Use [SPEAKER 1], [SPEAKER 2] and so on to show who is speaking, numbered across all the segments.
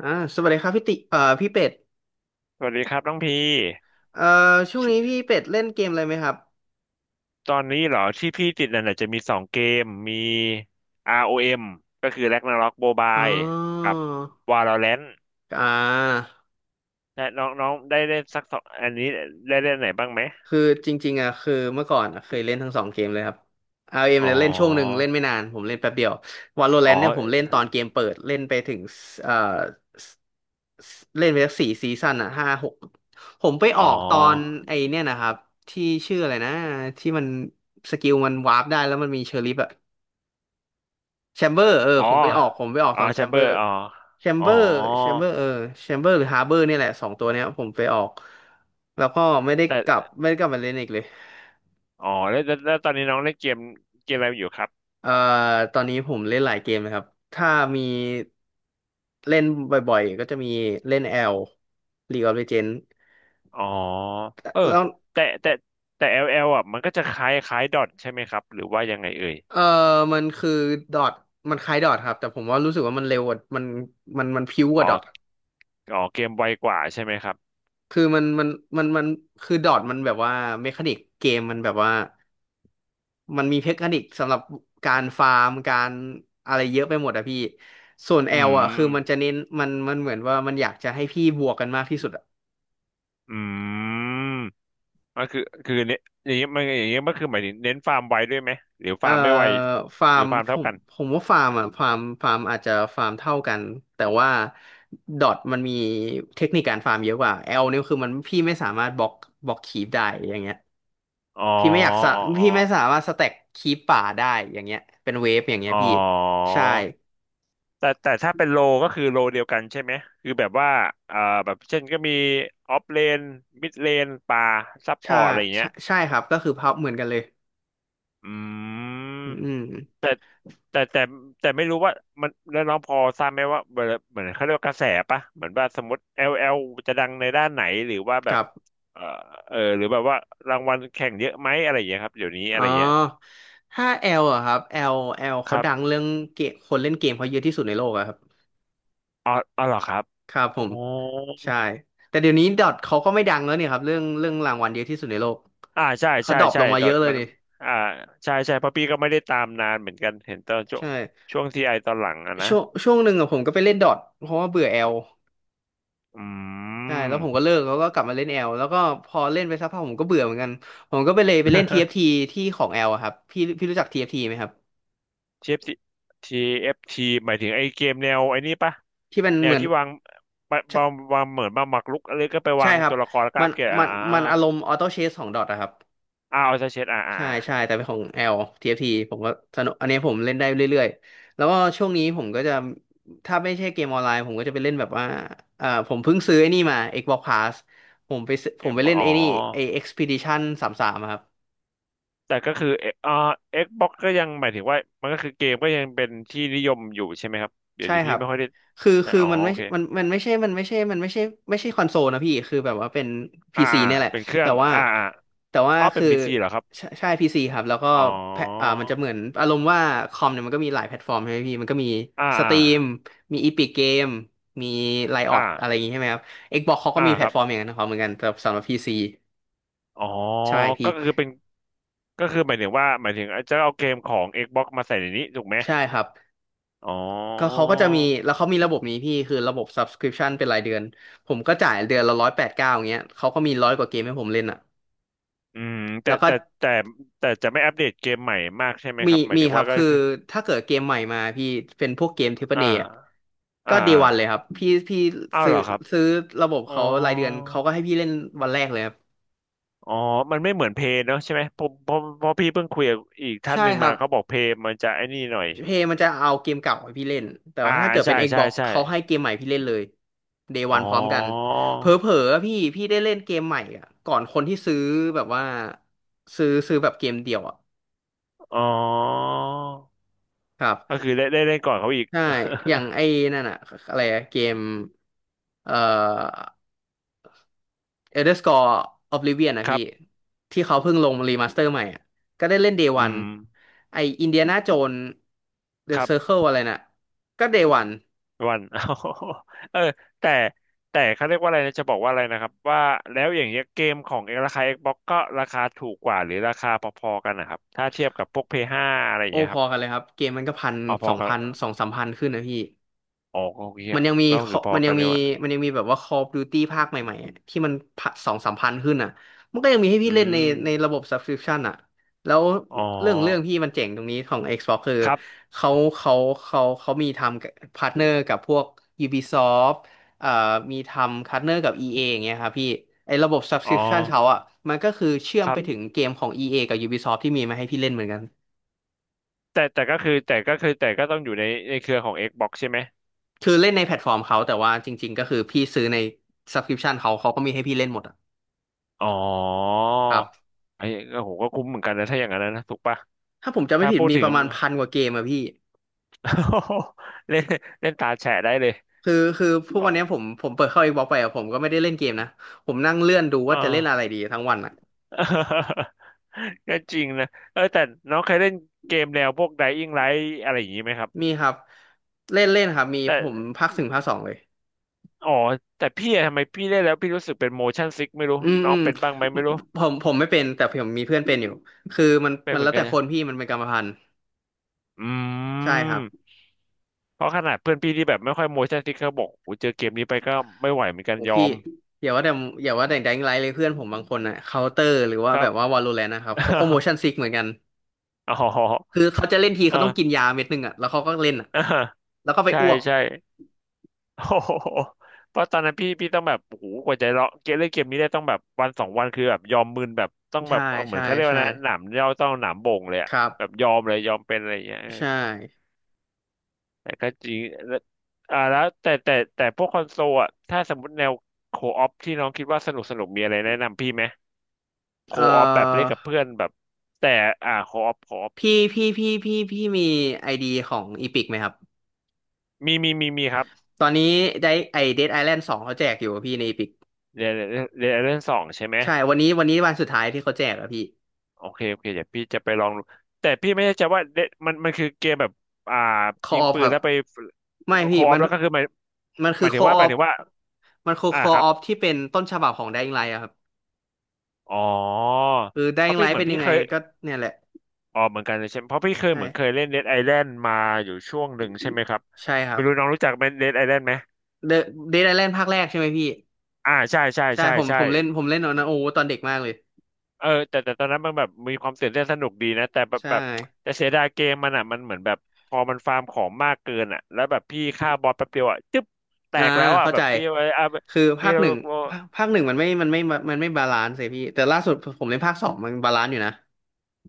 [SPEAKER 1] อ่าสวัสดีครับพี่ติพี่เป็ด
[SPEAKER 2] สวัสดีครับน้องพี
[SPEAKER 1] เอ่อช่วงนี้
[SPEAKER 2] ชิ
[SPEAKER 1] พี่เป็ดเล่นเกมอะไรไหมครับ
[SPEAKER 2] ตอนนี้เหรอที่พี่ติดนั่นน่ะจะมีสองเกมมี ROM ก็คือ Ragnarok
[SPEAKER 1] อ๋อ
[SPEAKER 2] Mobile กับ Valorant
[SPEAKER 1] อ่า
[SPEAKER 2] นะน้องน้องได้เล่นสักสองอันนี้ได้เล่นไหนบ้างไหม
[SPEAKER 1] คือจริงๆอ่ะคือเมื่อก่อนอะเคยเล่นทั้งสองเกมเลยครับ RM เอ็ม
[SPEAKER 2] อ๋อ
[SPEAKER 1] เนี่ยเล่นช่วงหนึ่งเล่นไม่นานผมเล่นแป๊บเดียว
[SPEAKER 2] อ๋อ
[SPEAKER 1] Valorant เนี่ยผมเล่นตอนเกมเปิดเล่นไปถึงเอ่อเล่นไปสักสี่ซีซั่นอ่ะห้าหกผมไป
[SPEAKER 2] อ๋
[SPEAKER 1] ออกตอน
[SPEAKER 2] อ
[SPEAKER 1] ไอเนี่ยนะครับที่ชื่ออะไรนะที่มันสกิลมันวาร์ปได้แล้วมันมีเชอริฟอะ แชมเบอร์เออ
[SPEAKER 2] อ๋อ
[SPEAKER 1] ผมไปออก
[SPEAKER 2] อ๋อ
[SPEAKER 1] ตอน
[SPEAKER 2] แช
[SPEAKER 1] แช
[SPEAKER 2] ม
[SPEAKER 1] ม
[SPEAKER 2] เบ
[SPEAKER 1] เบ
[SPEAKER 2] อ
[SPEAKER 1] อ
[SPEAKER 2] ร์
[SPEAKER 1] ร์
[SPEAKER 2] อ๋อ
[SPEAKER 1] แชม
[SPEAKER 2] อ๋
[SPEAKER 1] เบ
[SPEAKER 2] อ
[SPEAKER 1] อร์แชมเบอร์เออแชมเบอร์หรือฮาร์เบอร์เนี่ยแหละสองตัวเนี้ยผมไปออกแล้วก็
[SPEAKER 2] แต่
[SPEAKER 1] ไม่ได้กลับมาเล่นอีกเลย
[SPEAKER 2] อ๋อแล้วตอนนี้น้องเล่นเกมเกมอะไรอยู่ครับ
[SPEAKER 1] เอ่อตอนนี้ผมเล่นหลายเกมนะครับถ้ามีเล่นบ่อยๆก็จะมีเล่น L League of Legends
[SPEAKER 2] อ๋อ เออ
[SPEAKER 1] แล้ว
[SPEAKER 2] แต่แต่แต่ LL อลแอลอ่ะมันก็จะคล้ายคล้ายดอทใช่ไหมครับหรือว่ายังไงเอ่ย
[SPEAKER 1] เอ่อมันคือดอทมันคล้ายดอทครับแต่ผมว่ารู้สึกว่ามันเร็วกว่ามันมันพิ้วก
[SPEAKER 2] อ๋อ
[SPEAKER 1] ว่าดอท
[SPEAKER 2] อ๋อเกมไวกว่าใช่ไหมครับ
[SPEAKER 1] คือมันคือดอทมันแบบว่าเมคานิกเกมมันแบบว่า มันมีเทคนิคสำหรับการฟาร์มการอะไรเยอะไปหมดอะพี่ส่วน
[SPEAKER 2] อื
[SPEAKER 1] L อะคือมันจะ
[SPEAKER 2] ม
[SPEAKER 1] เน้นมันเหมือนว่ามันอยากจะให้พี่บวกกันมากที่สุดอะ
[SPEAKER 2] อืมก็คือคือเน้นอย่างเงี้ยมันอย่างเงี้ยมันคือหมายถึงเน้นฟาร์มไวด้วยไหมหรือ
[SPEAKER 1] เอ่
[SPEAKER 2] ฟา
[SPEAKER 1] อ
[SPEAKER 2] ร์มไม่ไว
[SPEAKER 1] ฟา
[SPEAKER 2] หรื
[SPEAKER 1] ร์
[SPEAKER 2] อ
[SPEAKER 1] ม
[SPEAKER 2] ฟาร์ม
[SPEAKER 1] ผ
[SPEAKER 2] เท่า
[SPEAKER 1] ม
[SPEAKER 2] กัน
[SPEAKER 1] ผมว่าฟาร์มอะฟาร์มอาจจะฟาร์มเท่ากันแต่ว่าดอทมันมีเทคนิคการฟาร์มเยอะกว่า L เนี่ยคือมันพี่ไม่สามารถบล็อกคีปได้อย่างเงี้ย
[SPEAKER 2] อ๋อ
[SPEAKER 1] พี่ไม่อยากสะ
[SPEAKER 2] อ๋ออ๋อ
[SPEAKER 1] พี่ไม่สามารถสแต็กคีปป่าได้อย่างเงี้ยเป็นเวฟอย่างเงี้ย
[SPEAKER 2] อ๋อ
[SPEAKER 1] พี่ใช่
[SPEAKER 2] แต่แต่ถ้าเป็นโลก็คือโลเดียวกันใช่ไหมคือแบบว่าเอ่อแบบเช่นก็มีออฟเลนมิดเลนป่าซัพพอ
[SPEAKER 1] ใช่
[SPEAKER 2] ร์ตอะไรอย่างเงี้ย
[SPEAKER 1] ใช่ครับก็คือพับเหมือนกันเลย
[SPEAKER 2] อื
[SPEAKER 1] อื
[SPEAKER 2] ม
[SPEAKER 1] ม
[SPEAKER 2] แต่แต่แต่แต่ไม่รู้ว่ามันแล้วน้องพอทราบไหมว่าเหมือนเหมือนเขาเรียกว่ากระแสปะเหมือนว่าสมมติแอลแอลจะดังในด้านไหนหรือว่าแบ
[SPEAKER 1] ค
[SPEAKER 2] บ
[SPEAKER 1] รับ
[SPEAKER 2] เออเออหรือแบบว่ารางวัลแข่งเยอะไหมอะไรอย่างเงี้ยครับเดี๋ยวนี้อะ
[SPEAKER 1] อ๋อ
[SPEAKER 2] ไรเงี้ย
[SPEAKER 1] ถ้าแอลอะครับแอลแอล
[SPEAKER 2] ค
[SPEAKER 1] เขา
[SPEAKER 2] รับ
[SPEAKER 1] ดังเรื่องเกมคนเล่นเกมเขาเยอะที่สุดในโลกอะครับ
[SPEAKER 2] อ๋ออ๋อเหรอครับ
[SPEAKER 1] ครับผ
[SPEAKER 2] อ๋อ
[SPEAKER 1] มใช่แต่เดี๋ยวนี้ดอทเขาก็ไม่ดังแล้วเนี่ยครับเรื่องรางวัลเยอะที่สุดในโลก
[SPEAKER 2] อ่าใช่
[SPEAKER 1] เขา
[SPEAKER 2] ใช่
[SPEAKER 1] ดรอป
[SPEAKER 2] ใช่
[SPEAKER 1] ลงมา
[SPEAKER 2] ด
[SPEAKER 1] เย
[SPEAKER 2] อท
[SPEAKER 1] อะเลย
[SPEAKER 2] มัน
[SPEAKER 1] นี่
[SPEAKER 2] อ่าใช่ใช่เพราะพี่ก็ไม่ได้ตามนานเหมือนกันเห็นตอนช่วง
[SPEAKER 1] ใช่
[SPEAKER 2] ช่วงทีไอตอนหลังอะนะ
[SPEAKER 1] ช่วงหนึ่งอะผมก็ไปเล่นดอทเพราะว่าเบื่อแอล
[SPEAKER 2] อื
[SPEAKER 1] ใช่แล้วผมก็
[SPEAKER 2] ม
[SPEAKER 1] เลิกแล้วก็กลับมาเล่นแอลแล้วก็พอเล่นไปสักพักผมก็เบื่อเหมือนกันผมก็ไปเลยไปเล่น t f ฟทีที่ของแอลอะครับพี่พี่รู้จัก t ทีไหมครับ
[SPEAKER 2] TFT TFT หมายถึงไอ้เกมแนวไอ้นี่ปะ
[SPEAKER 1] ที่มัน
[SPEAKER 2] แน
[SPEAKER 1] เห
[SPEAKER 2] ว
[SPEAKER 1] มือน
[SPEAKER 2] ที่วางปะบางวางเหมือนบางหมากรุกอะไรก็ไป
[SPEAKER 1] ใช่
[SPEAKER 2] วาง
[SPEAKER 1] ครั
[SPEAKER 2] ตั
[SPEAKER 1] บ
[SPEAKER 2] วละครแล้วก็
[SPEAKER 1] มั
[SPEAKER 2] อั
[SPEAKER 1] น
[SPEAKER 2] ปเกรด
[SPEAKER 1] มั
[SPEAKER 2] อ่า
[SPEAKER 1] น
[SPEAKER 2] อ
[SPEAKER 1] มันอารมณ์ออโต้เชสของดอทอะครับ
[SPEAKER 2] ่าเอาใเช็ดอ่าอ่า
[SPEAKER 1] ใช่ใช่แต่เป็นของ L TFT ผมก็สนุกอันนี้ผมเล่นได้เรื่อยๆ แล้วก็ช่วงนี้ผมก็จะถ้าไม่ใช่เกมออนไลน์ผมก็จะไปเล่นแบบว่าผมเพิ่งซื้อไอ้นี่มา Xbox Pass ผมไปซื้อผ
[SPEAKER 2] เอ็
[SPEAKER 1] ม
[SPEAKER 2] ก
[SPEAKER 1] ไป
[SPEAKER 2] บอ
[SPEAKER 1] เล่
[SPEAKER 2] ก
[SPEAKER 1] น
[SPEAKER 2] อ๋อ
[SPEAKER 1] ไอ้นี่ไอ้ Expedition 33อะครับ
[SPEAKER 2] แต่ก็คือเออ่า Xbox ก็ยังหมายถึงว่ามันก็คือเกมก็ยังเป็นที่นิยมอยู่ใช่ไหมครับเดี๋ยว
[SPEAKER 1] ใช่
[SPEAKER 2] นี้
[SPEAKER 1] ค
[SPEAKER 2] พี่
[SPEAKER 1] รับ
[SPEAKER 2] ไม่ค่อยได้
[SPEAKER 1] คือคือ
[SPEAKER 2] อ๋อโอเค
[SPEAKER 1] มันมันไม่ใช่มันไม่ใช่ไม่ใช่คอนโซลนะพี่ คือแบบว่าเป็นพี
[SPEAKER 2] อ่า
[SPEAKER 1] ซีเนี่ยแหละ
[SPEAKER 2] เป็นเครื่อ
[SPEAKER 1] แต่
[SPEAKER 2] ง
[SPEAKER 1] ว่า
[SPEAKER 2] อ่าอ่าอ๋อเป็
[SPEAKER 1] คื
[SPEAKER 2] น
[SPEAKER 1] อ
[SPEAKER 2] PC เหรอครับ
[SPEAKER 1] ใช่ใช่พีซีครับ แล้วก็
[SPEAKER 2] อ๋อ
[SPEAKER 1] แพลอ่ามันจะเหมือนอารมณ์ว่าคอมเนี่ยมันก็มีหลายแพลตฟอร์มใช่ไหมพี่ มันก็มี
[SPEAKER 2] อ่า
[SPEAKER 1] สต
[SPEAKER 2] อ่า
[SPEAKER 1] รีมมีอีพิกเกมมีไลออ
[SPEAKER 2] อ่า
[SPEAKER 1] ดอะไรอย่างงี้ใช่ไหมครับ Xbox เขาก็
[SPEAKER 2] อ่า
[SPEAKER 1] มีแพ
[SPEAKER 2] ค
[SPEAKER 1] ลต
[SPEAKER 2] รับ
[SPEAKER 1] ฟอร์มอย่างนั้นของเขาเหมือนกันแต่สำหรับพีซี
[SPEAKER 2] อ๋อ
[SPEAKER 1] ใช่พี่
[SPEAKER 2] ก็คือเป็น ก็คือหมายถึงว่าหมายถึงจะเอาเกมของ Xbox มาใส่ในนี้ถูกไหม
[SPEAKER 1] ใช่ครับ
[SPEAKER 2] อ๋อ
[SPEAKER 1] ก็เขาก็จะมีแล้วเขามีระบบนี้พี่คือระบบ subscription เป็นรายเดือนผมก็จ่ายเดือนละร้อยแปดเก้าอย่างเงี้ยเขาก็มีร้อยกว่าเกมให้ผมเล่นอ่ะ
[SPEAKER 2] อืมแต่
[SPEAKER 1] แล้วก็
[SPEAKER 2] แต่แต่แต่จะไม่อัปเดตเกมใหม่มากใช่ไหม
[SPEAKER 1] มี
[SPEAKER 2] ครับหมาย
[SPEAKER 1] มี
[SPEAKER 2] ถึง
[SPEAKER 1] ครั
[SPEAKER 2] ว่า
[SPEAKER 1] บ
[SPEAKER 2] ก็
[SPEAKER 1] คือ
[SPEAKER 2] คือ
[SPEAKER 1] ถ้าเกิดเกมใหม่มาพี่เป็นพวกเกมทรเปิล
[SPEAKER 2] อ่า
[SPEAKER 1] เอะก็
[SPEAKER 2] อ่า
[SPEAKER 1] เดวันเลยครับพี่พี่
[SPEAKER 2] อ้าว
[SPEAKER 1] ซื้อ
[SPEAKER 2] เหรอครับ
[SPEAKER 1] ซื้อระบบ
[SPEAKER 2] อ๋อ
[SPEAKER 1] เขารายเดือนเขาก็ให้พี่เล่นวันแรกเลยครับ
[SPEAKER 2] อ๋อมันไม่เหมือนเพย์เนอะใช่ไหมผมเพราะเพราะพี่เพิ่งคุยกับอีกท่าน
[SPEAKER 1] ใช่
[SPEAKER 2] หนึ่ง
[SPEAKER 1] ครั
[SPEAKER 2] มา
[SPEAKER 1] บ
[SPEAKER 2] เขาบอกเพย์มันจะไอ้นี่หน่อย
[SPEAKER 1] เพย์มันจะเอาเกมเก่าให้พี่เล่น แต่
[SPEAKER 2] อ่า
[SPEAKER 1] ว่าถ้าเกิด
[SPEAKER 2] ใช่
[SPEAKER 1] เป็น
[SPEAKER 2] ใช่
[SPEAKER 1] Xbox
[SPEAKER 2] ใช่
[SPEAKER 1] เขาให้เกมใหม่พี่เล่นเลย Day
[SPEAKER 2] อ๋
[SPEAKER 1] One
[SPEAKER 2] อ
[SPEAKER 1] พร้อมกันเผลอๆอะพี่พี่ได้เล่นเกมใหม่อ่ะก่อนคนที่ซื้อแบบว่าซื้อแบบเกมเดียวอ่ะ
[SPEAKER 2] อ๋อ
[SPEAKER 1] ครับ
[SPEAKER 2] ก็คือได้ได้เล่นก่อนเขาอีก
[SPEAKER 1] ใช่อย่างไอ้นั่นอ่ะอะไรอะเกมเอ่อ Elder Scrolls Oblivion นะ
[SPEAKER 2] ครั
[SPEAKER 1] พี่
[SPEAKER 2] บ
[SPEAKER 1] ที่เขาเพิ่งลงรีมาสเตอร์ใหม่อ่ะก็ได้เล่น Day
[SPEAKER 2] อื
[SPEAKER 1] One
[SPEAKER 2] ม
[SPEAKER 1] ไอ้ Indiana Jones The
[SPEAKER 2] ครับ
[SPEAKER 1] Circle อะไรน่ะก็ Day One
[SPEAKER 2] วัน เออแต่แต่เขาเรียกว่าอะไรนะจะบอกว่าอะไรนะครับว่าแล้วอย่างเงี้ยเกมของเอราคา Xbox ก็ราคาถูกกว่าหรือราคาพอๆกันนะครับถ้าเทียบกับพวกพีเอสห้าอะไรอย่าง
[SPEAKER 1] โอ้
[SPEAKER 2] เงี้ย
[SPEAKER 1] พ
[SPEAKER 2] ค
[SPEAKER 1] อ
[SPEAKER 2] รับ
[SPEAKER 1] กันเลยครับเกมมันก็พัน
[SPEAKER 2] เอาพ
[SPEAKER 1] ส
[SPEAKER 2] อ
[SPEAKER 1] อง
[SPEAKER 2] กัน
[SPEAKER 1] พันสองสามพันขึ้นนะพี่
[SPEAKER 2] อ๋อก็โอเค
[SPEAKER 1] มัน
[SPEAKER 2] อะ
[SPEAKER 1] ยังมี
[SPEAKER 2] ก็คือ
[SPEAKER 1] Call-
[SPEAKER 2] พอ
[SPEAKER 1] มันยั
[SPEAKER 2] กั
[SPEAKER 1] ง
[SPEAKER 2] นเล
[SPEAKER 1] มี
[SPEAKER 2] ยว่า
[SPEAKER 1] มันยังมีแบบว่า Call of Duty ภาคใหม่ๆอะที่มันสองสามพันขึ้นอ่ะมันก็ยังมีให้
[SPEAKER 2] อื
[SPEAKER 1] พี่เล่น
[SPEAKER 2] ม
[SPEAKER 1] ในระบบ subscription อ่ะแล้ว
[SPEAKER 2] อ๋อ
[SPEAKER 1] เรื่องพี่มันเจ๋งตรงนี้ของ Xbox คือ
[SPEAKER 2] ครับ
[SPEAKER 1] เขาเขาเขามีทำพาร์ทเนอร์กับพวก Ubisoft เอ่อมีทำพาร์ทเนอร์กับ EA ออย่างเงี้ยครับพี่ไอ้ระบบ
[SPEAKER 2] อ๋อ
[SPEAKER 1] subscription เขาอ่ะมันก็คือเชื่อ
[SPEAKER 2] ค
[SPEAKER 1] ม
[SPEAKER 2] รั
[SPEAKER 1] ไป
[SPEAKER 2] บ
[SPEAKER 1] ถึงเกมของ EA กับ Ubisoft ที่มีมาให้พี่เล่นเหมือนกัน
[SPEAKER 2] แต่ก็ต้องอยู่ในในเครือของ Xbox ใช่ไหม
[SPEAKER 1] คือเล่นในแพลตฟอร์มเขาแต่ว่าจริงๆก็คือพี่ซื้อใน subscription เขาก็มีให้พี่เล่นหมดอะ
[SPEAKER 2] อ๋อ
[SPEAKER 1] ครับ
[SPEAKER 2] ไอ้ก็โหก็คุ้มเหมือนกันนะถ้าอย่างนั้นนะถูกปะ
[SPEAKER 1] ถ้าผมจำไม่
[SPEAKER 2] ถ้า
[SPEAKER 1] ผิด
[SPEAKER 2] พูด
[SPEAKER 1] มี
[SPEAKER 2] ถึ
[SPEAKER 1] ป
[SPEAKER 2] ง
[SPEAKER 1] ระมาณพันกว่าเกมอะพี่
[SPEAKER 2] เล่นเล่นตาแฉะได้เลย
[SPEAKER 1] คือพวก
[SPEAKER 2] อ๋
[SPEAKER 1] วันเนี้ย
[SPEAKER 2] อ
[SPEAKER 1] ผมเปิดเข้า Xbox ไปอะผมก็ไม่ได้เล่นเกมนะผมนั่งเลื่อนดูว่า
[SPEAKER 2] อ่า
[SPEAKER 1] จะเล่นอะไรดีทั้งวันอะ
[SPEAKER 2] ก็จริงนะเออแต่น้องเคยเล่นเกมแนวพวก Dying Light อะไรอย่างนี้ไหมครับ
[SPEAKER 1] มีครับเล่นเล่นครับมีผม
[SPEAKER 2] แต่
[SPEAKER 1] ภาคถึงภาคสองเลย
[SPEAKER 2] อ๋อแต่พี่อะทำไมพี่เล่นแล้วพี่รู้สึกเป็น motion sick ไม่รู้
[SPEAKER 1] อืม
[SPEAKER 2] น้อ
[SPEAKER 1] อื
[SPEAKER 2] ง
[SPEAKER 1] ม
[SPEAKER 2] เป็นบ้างไหมไม่รู้
[SPEAKER 1] ผมไม่เป็นแต่ผมมีเพื่อนเป็นอยู่คือมัน
[SPEAKER 2] เป็น
[SPEAKER 1] มัน
[SPEAKER 2] เหมื
[SPEAKER 1] แล้
[SPEAKER 2] อน
[SPEAKER 1] ว
[SPEAKER 2] กั
[SPEAKER 1] แต่
[SPEAKER 2] น
[SPEAKER 1] ค
[SPEAKER 2] นะ
[SPEAKER 1] นพี่มันเป็นกรรมพันธุ์
[SPEAKER 2] อื
[SPEAKER 1] ใช่ครับ
[SPEAKER 2] มเพราะขนาดเพื่อนพี่ที่แบบไม่ค่อย motion sick เขาบอกโอ้เจอเกมนี้ไปก็ไม่ไหวเหมือนกัน
[SPEAKER 1] โอ้
[SPEAKER 2] ยอ
[SPEAKER 1] พี่
[SPEAKER 2] ม
[SPEAKER 1] อย่าว่าแต่อย่าว่าแต่แดงไลท์เลยเพื่อนผมบางคนอะเคาน์เตอร์หรือว่า
[SPEAKER 2] ครั
[SPEAKER 1] แบ
[SPEAKER 2] บ
[SPEAKER 1] บว่าวาโลแรนต์นะครับเขาก็โมชั่นซิ กเหมือนกัน
[SPEAKER 2] อ๋
[SPEAKER 1] คือ
[SPEAKER 2] อ
[SPEAKER 1] เขาจะเล่นที
[SPEAKER 2] อ่า
[SPEAKER 1] เขาต้องกินยาเม็ดหนึ่งอะแล้วเขาก็เล่นอะ
[SPEAKER 2] อ่า
[SPEAKER 1] แล้วก็ ไป
[SPEAKER 2] ใช่
[SPEAKER 1] อ้วก
[SPEAKER 2] ใช่ โอ้โหเพราะตอนนั้นพี่พี่ต้องแบบโอ้โหกว่าจะเลาะเกมเล่นเกมนี้ได้ต้องแบบวันสองวันคือแบบยอมมึนแบบต้องแบ
[SPEAKER 1] ใช่
[SPEAKER 2] บเอาเหมือ
[SPEAKER 1] ใช่
[SPEAKER 2] นเขาเรียกว่า
[SPEAKER 1] ใช่
[SPEAKER 2] นะหนามย่อต้องหนามบ่งเลยอะ
[SPEAKER 1] ครั
[SPEAKER 2] แบบ
[SPEAKER 1] บ
[SPEAKER 2] ยอมเลยยอมเป็นอะไรอย่างเงี้ยเออ
[SPEAKER 1] ใช่
[SPEAKER 2] แต่ก็จริงแล้วอ่าแล้วแต่พวกคอนโซลอะถ้าสมมติแนวโคออปที่น้องคิดว่าสนุกสนุกมีอะไรแนะนำพี่ไหมโค
[SPEAKER 1] เอ่
[SPEAKER 2] ออปแบบเล่
[SPEAKER 1] อ
[SPEAKER 2] นกับเพื่อนแบบแต่อ่าโคออปโคออป
[SPEAKER 1] พี่มีไอดีของอีพิกไหมครับ
[SPEAKER 2] มีครับ
[SPEAKER 1] ตอนนี้ได้ไอเดดไอแลนด์สองเขาแจกอยู่อะพี่ในอีพิก
[SPEAKER 2] เรียนเรียนเรเรื่องสองใช่ไหม
[SPEAKER 1] ใช่วันนี้วันสุดท้ายที่เขาแจกอะพี่
[SPEAKER 2] โอเคโอเคเดี๋ยวพี่จะไปลองดูแต่พี่ไม่แน่ใจว่าเดมันมันคือเกมแบบอ่า
[SPEAKER 1] คอ
[SPEAKER 2] ยิง
[SPEAKER 1] ออฟ
[SPEAKER 2] ปื
[SPEAKER 1] ค
[SPEAKER 2] น
[SPEAKER 1] รับ
[SPEAKER 2] แล้วไป
[SPEAKER 1] ไม่
[SPEAKER 2] โค
[SPEAKER 1] พี่
[SPEAKER 2] ออ
[SPEAKER 1] มั
[SPEAKER 2] ฟ
[SPEAKER 1] น
[SPEAKER 2] แล้วก็คือหมาย
[SPEAKER 1] มัน
[SPEAKER 2] ห
[SPEAKER 1] คือ
[SPEAKER 2] มาย
[SPEAKER 1] ค
[SPEAKER 2] ถึง
[SPEAKER 1] อ
[SPEAKER 2] ว่า
[SPEAKER 1] อ
[SPEAKER 2] ห
[SPEAKER 1] อ
[SPEAKER 2] มาย
[SPEAKER 1] ฟ
[SPEAKER 2] ถึงว่า
[SPEAKER 1] มันคือ
[SPEAKER 2] อ่า
[SPEAKER 1] คอ
[SPEAKER 2] ครั
[SPEAKER 1] อ
[SPEAKER 2] บ
[SPEAKER 1] อฟที่เป็นต้นฉบับของได i ิงไลท์อะครับ
[SPEAKER 2] อ๋อ
[SPEAKER 1] คือได
[SPEAKER 2] เพ
[SPEAKER 1] i ิง
[SPEAKER 2] ราะ
[SPEAKER 1] ไล
[SPEAKER 2] พี่เห
[SPEAKER 1] ท์
[SPEAKER 2] มือ
[SPEAKER 1] เป็
[SPEAKER 2] น
[SPEAKER 1] น
[SPEAKER 2] พี่
[SPEAKER 1] ยังไง
[SPEAKER 2] เคย
[SPEAKER 1] ก็เนี่ยแหละ
[SPEAKER 2] อ๋อเหมือนกันเลยใช่ไหมเพราะพี่เคยเหมือนเคย
[SPEAKER 1] ใช่
[SPEAKER 2] เล่นเ e ดไอแลนด์มาอยู่ช่วงหนึ่งใช่ไหมครับ
[SPEAKER 1] ใช่ครั
[SPEAKER 2] ไม่
[SPEAKER 1] บ
[SPEAKER 2] รู้น้องรู้จักไหมเ e ดไอแลนด์ไหม
[SPEAKER 1] เดอะเดดไอแลนด์ภาคแรกใช่ไหมพี่
[SPEAKER 2] อ่าใช่ใช่
[SPEAKER 1] ใช่
[SPEAKER 2] ใช่
[SPEAKER 1] ผม
[SPEAKER 2] ใช่
[SPEAKER 1] ผมเล่นผมเล่นตอนนั้นโอ้โหตอนเด็กมากเลย
[SPEAKER 2] เออแต่ตอนนั้นมันแบบมีความตื่นเต้นสนุกดีนะแต่แบบ
[SPEAKER 1] ใช่
[SPEAKER 2] แบบแต่เสียดายเกมมันอ่ะมันเหมือนแบบพอมันฟาร์มของมากเกินอ่ะแล้วแบบพี่ฆ่าบอสแป๊บเดียวอ่ะจึ๊บแต
[SPEAKER 1] อ่า
[SPEAKER 2] กแล้วอ่ะ
[SPEAKER 1] เข้า
[SPEAKER 2] แบ
[SPEAKER 1] ใจ
[SPEAKER 2] บพี่เอาเอา
[SPEAKER 1] คือ
[SPEAKER 2] พี่
[SPEAKER 1] ภาค
[SPEAKER 2] เอา
[SPEAKER 1] หนึ่งภาคหนึ่งมันไม่บาลานซ์เลยพี่แต่ล่าสุดผมเล่นภาคสองมันบาลานซ์อยู่นะ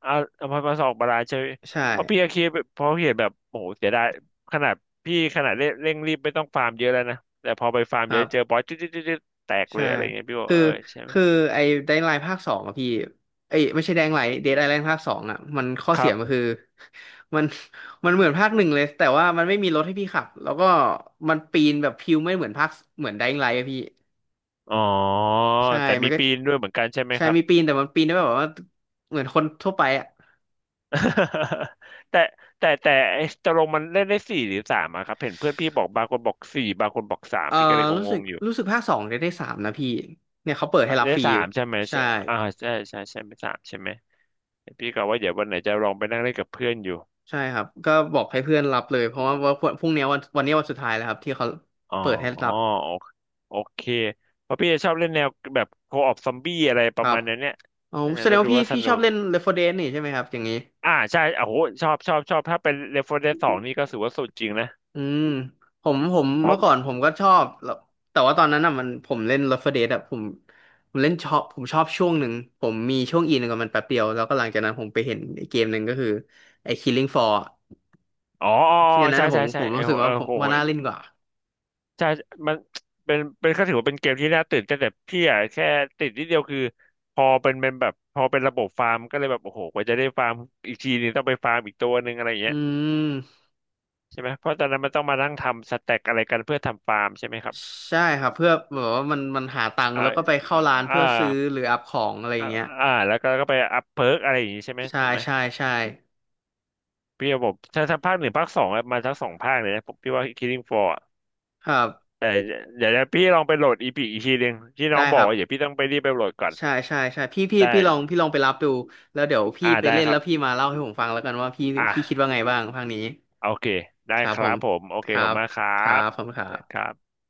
[SPEAKER 2] เอาเอามามาสองบาลานซ์ใช่ไหม
[SPEAKER 1] ใช่
[SPEAKER 2] เพราะพี่ก็คิดเพราะพี่เห็นแบบโอ้โหเสียดายขนาดพี่ขนาดเร่งรีบไม่ต้องฟาร์มเยอะแล้วนะแต่พอไปฟาร์ม
[SPEAKER 1] ค
[SPEAKER 2] เย
[SPEAKER 1] รั
[SPEAKER 2] อะเจอ
[SPEAKER 1] บ
[SPEAKER 2] บอสจึ๊บจึ๊บจึ๊บจึ๊บแตกเล
[SPEAKER 1] ใช่
[SPEAKER 2] ยอะไรเงี้ยพี่บอก
[SPEAKER 1] คือ
[SPEAKER 2] เออใช่ไหม
[SPEAKER 1] คือไอ้ไดน์ไลน์ภาคสองอะพี่เอ้ยไม่ใช่แดงไลน์เดดไอแลนด์ภาคสองอะมันข้อ
[SPEAKER 2] ค
[SPEAKER 1] เสี
[SPEAKER 2] รั
[SPEAKER 1] ยมัน
[SPEAKER 2] บ
[SPEAKER 1] คือ มันมันเหมือนภาคหนึ่งเลยแต่ว่ามันไม่มีรถให้พี่ขับแล้วก็มันปีนแบบพิวไม่เหมือนภาคเหมือนไดน์ไลน์อะพี่
[SPEAKER 2] อ๋อ
[SPEAKER 1] ใช่
[SPEAKER 2] แต่
[SPEAKER 1] มั
[SPEAKER 2] มี
[SPEAKER 1] นก็
[SPEAKER 2] ปีนด้วยเหมือนกันใช่ไหม
[SPEAKER 1] ใช่
[SPEAKER 2] ครับ
[SPEAKER 1] มีปีนแต่มันปีนได้แบบว่าเหมือนคนทั่วไปอะ
[SPEAKER 2] แต่แต่ไอ้ตกลงมันเล่นได้สี่หรือสามอะครับเห็นเพื่อนพี่บอกบางคนบอกสี่บางคนบอกสาม
[SPEAKER 1] เออ
[SPEAKER 2] พี่ก็เลย
[SPEAKER 1] รู้
[SPEAKER 2] ง
[SPEAKER 1] สึก
[SPEAKER 2] งๆอยู่
[SPEAKER 1] รู้สึกภาคสองจะได้สามนะพี่เนี่ยเขาเปิดให้รับ
[SPEAKER 2] ได้
[SPEAKER 1] ฟรี
[SPEAKER 2] สา
[SPEAKER 1] อยู่
[SPEAKER 2] มใช่ไหม
[SPEAKER 1] ใช่
[SPEAKER 2] ใช่อ่าใช่ใช่ใช่ไม่สามใช่ไหมพี่ก็ว่าเดี๋ยววันไหนจะลองไปนั่งเล่นกับเพื่อนอยู่
[SPEAKER 1] ใช่ครับก็บอกให้เพื่อนรับเลยเพราะว่าพรุ่งนี้วันวันนี้วันสุดท้ายแล้วครับที่เขา
[SPEAKER 2] อ๋อ
[SPEAKER 1] เปิดให้รับ
[SPEAKER 2] โอโอเคเพราะพี่จะชอบเล่นแนวแบบโคออปซอมบี้อะไรป
[SPEAKER 1] ค
[SPEAKER 2] ระ
[SPEAKER 1] รับ
[SPEAKER 2] มาณนั้นเนี่ย
[SPEAKER 1] อ๋อ
[SPEAKER 2] เออ
[SPEAKER 1] แสด
[SPEAKER 2] แล้
[SPEAKER 1] ง
[SPEAKER 2] ว
[SPEAKER 1] ว่า
[SPEAKER 2] ดู
[SPEAKER 1] พี่
[SPEAKER 2] ว่าส
[SPEAKER 1] พี่ช
[SPEAKER 2] นุ
[SPEAKER 1] อบ
[SPEAKER 2] ก
[SPEAKER 1] เล่น Left 4 Dead นี่ใช่ไหมครับอย่างนี้
[SPEAKER 2] อ่าใช่โอ้โหชอบชอบชอบถ้าเป็นเรฟเฟอร์เรนสองนี่ก็ถือว่าสุดจริงนะ
[SPEAKER 1] อืมผม
[SPEAKER 2] เพ
[SPEAKER 1] เมื่
[SPEAKER 2] ราะ
[SPEAKER 1] อก่อนผมก็ชอบแล้วแต่ว่าตอนนั้นอ่ะมันผมเล่น Left 4 Dead อ่ะผมผมเล่นชอบผมชอบช่วงหนึ่งผมมีช่วงอินกับมันแป๊บเดียวแล้วก็หลังจากนั้นผมไปเห็นไอ้เกมหนึ่งก็คือไอ้ Killing Floor อะ
[SPEAKER 2] อ๋ออ๋อ
[SPEAKER 1] ที่
[SPEAKER 2] อ๋
[SPEAKER 1] อั
[SPEAKER 2] อ
[SPEAKER 1] นนั้น
[SPEAKER 2] ใช่
[SPEAKER 1] อะผ
[SPEAKER 2] ใช่
[SPEAKER 1] มผ
[SPEAKER 2] ใช่
[SPEAKER 1] ม
[SPEAKER 2] เออ
[SPEAKER 1] รู้สึกว่า
[SPEAKER 2] โเอ้
[SPEAKER 1] ผม
[SPEAKER 2] โห
[SPEAKER 1] ว่าน่าเล่นกว่า
[SPEAKER 2] ใช่มันเป็นก็ถือว่าเป็นเกมที่น่าตื่นเต้นแต่พี่อะแค่ติดนิดเดียวคือพอเป็นแบบพอเป็นระบบฟาร์มก็เลยแบบโอ้โหกว่าจะได้ฟาร์มอีกทีนึงต้องไปฟาร์มอีกตัวหนึ่งอะไรอย่าง
[SPEAKER 1] อื
[SPEAKER 2] เงี้ย
[SPEAKER 1] ม
[SPEAKER 2] ใช่ไหมเพราะตอนนั้นมันต้องมานั่งทำสแต็กอะไรกันเพื่อทำฟาร์มใช่ไหมครับ
[SPEAKER 1] ใช่ครับเพื่อแบบว่ามันหาตังค์
[SPEAKER 2] อ่า
[SPEAKER 1] แล้วก็ไปเข้าร้าน
[SPEAKER 2] อ่า
[SPEAKER 1] เพื่อซื้อหรืออัพของอะไรอ
[SPEAKER 2] อ่า
[SPEAKER 1] ย่างเงี้ย
[SPEAKER 2] อ่าแล้วก็ก็ไปอัพเพิร์กอะไรอย่างงี้ใช่ไหม
[SPEAKER 1] ใช่
[SPEAKER 2] ถูกไหม
[SPEAKER 1] ใช่ใช่
[SPEAKER 2] พี่ระบบถ้าภาคหนึ่งภาคสองอะมาทั้งสองภาคเลยนะผมพี่ว่า Killing Floor อะ
[SPEAKER 1] ครับ
[SPEAKER 2] แต่เดี๋ยวพี่ลองไปโหลดอีพีอีกทีหนึ่งที่น้อง
[SPEAKER 1] ได้
[SPEAKER 2] บ
[SPEAKER 1] ค
[SPEAKER 2] อก
[SPEAKER 1] รับ
[SPEAKER 2] ว่าเดี๋ยวพี่ต้องไปรีบไปโหลดก่อน
[SPEAKER 1] ใช่ใช่ใช่พี่พี่
[SPEAKER 2] ได้
[SPEAKER 1] พี่ลองพี่ลองไปรับดูแล้วเดี๋ยวพี่
[SPEAKER 2] อ่า
[SPEAKER 1] ไป
[SPEAKER 2] ได้
[SPEAKER 1] เล่น
[SPEAKER 2] ครั
[SPEAKER 1] แล้
[SPEAKER 2] บ
[SPEAKER 1] วพี่มาเล่าให้ผมฟังแล้วกันว่าพี่
[SPEAKER 2] อ่ะ
[SPEAKER 1] พี่คิดว่าไงบ้างภาคนี้
[SPEAKER 2] โอเคได้
[SPEAKER 1] ครับ
[SPEAKER 2] ค
[SPEAKER 1] ผ
[SPEAKER 2] รั
[SPEAKER 1] ม
[SPEAKER 2] บผมโอ
[SPEAKER 1] ค
[SPEAKER 2] เค
[SPEAKER 1] รั
[SPEAKER 2] ขอบ
[SPEAKER 1] บ
[SPEAKER 2] คุณมากครั
[SPEAKER 1] ครั
[SPEAKER 2] บ
[SPEAKER 1] บผมคณครั
[SPEAKER 2] ได้ครั
[SPEAKER 1] บ
[SPEAKER 2] บ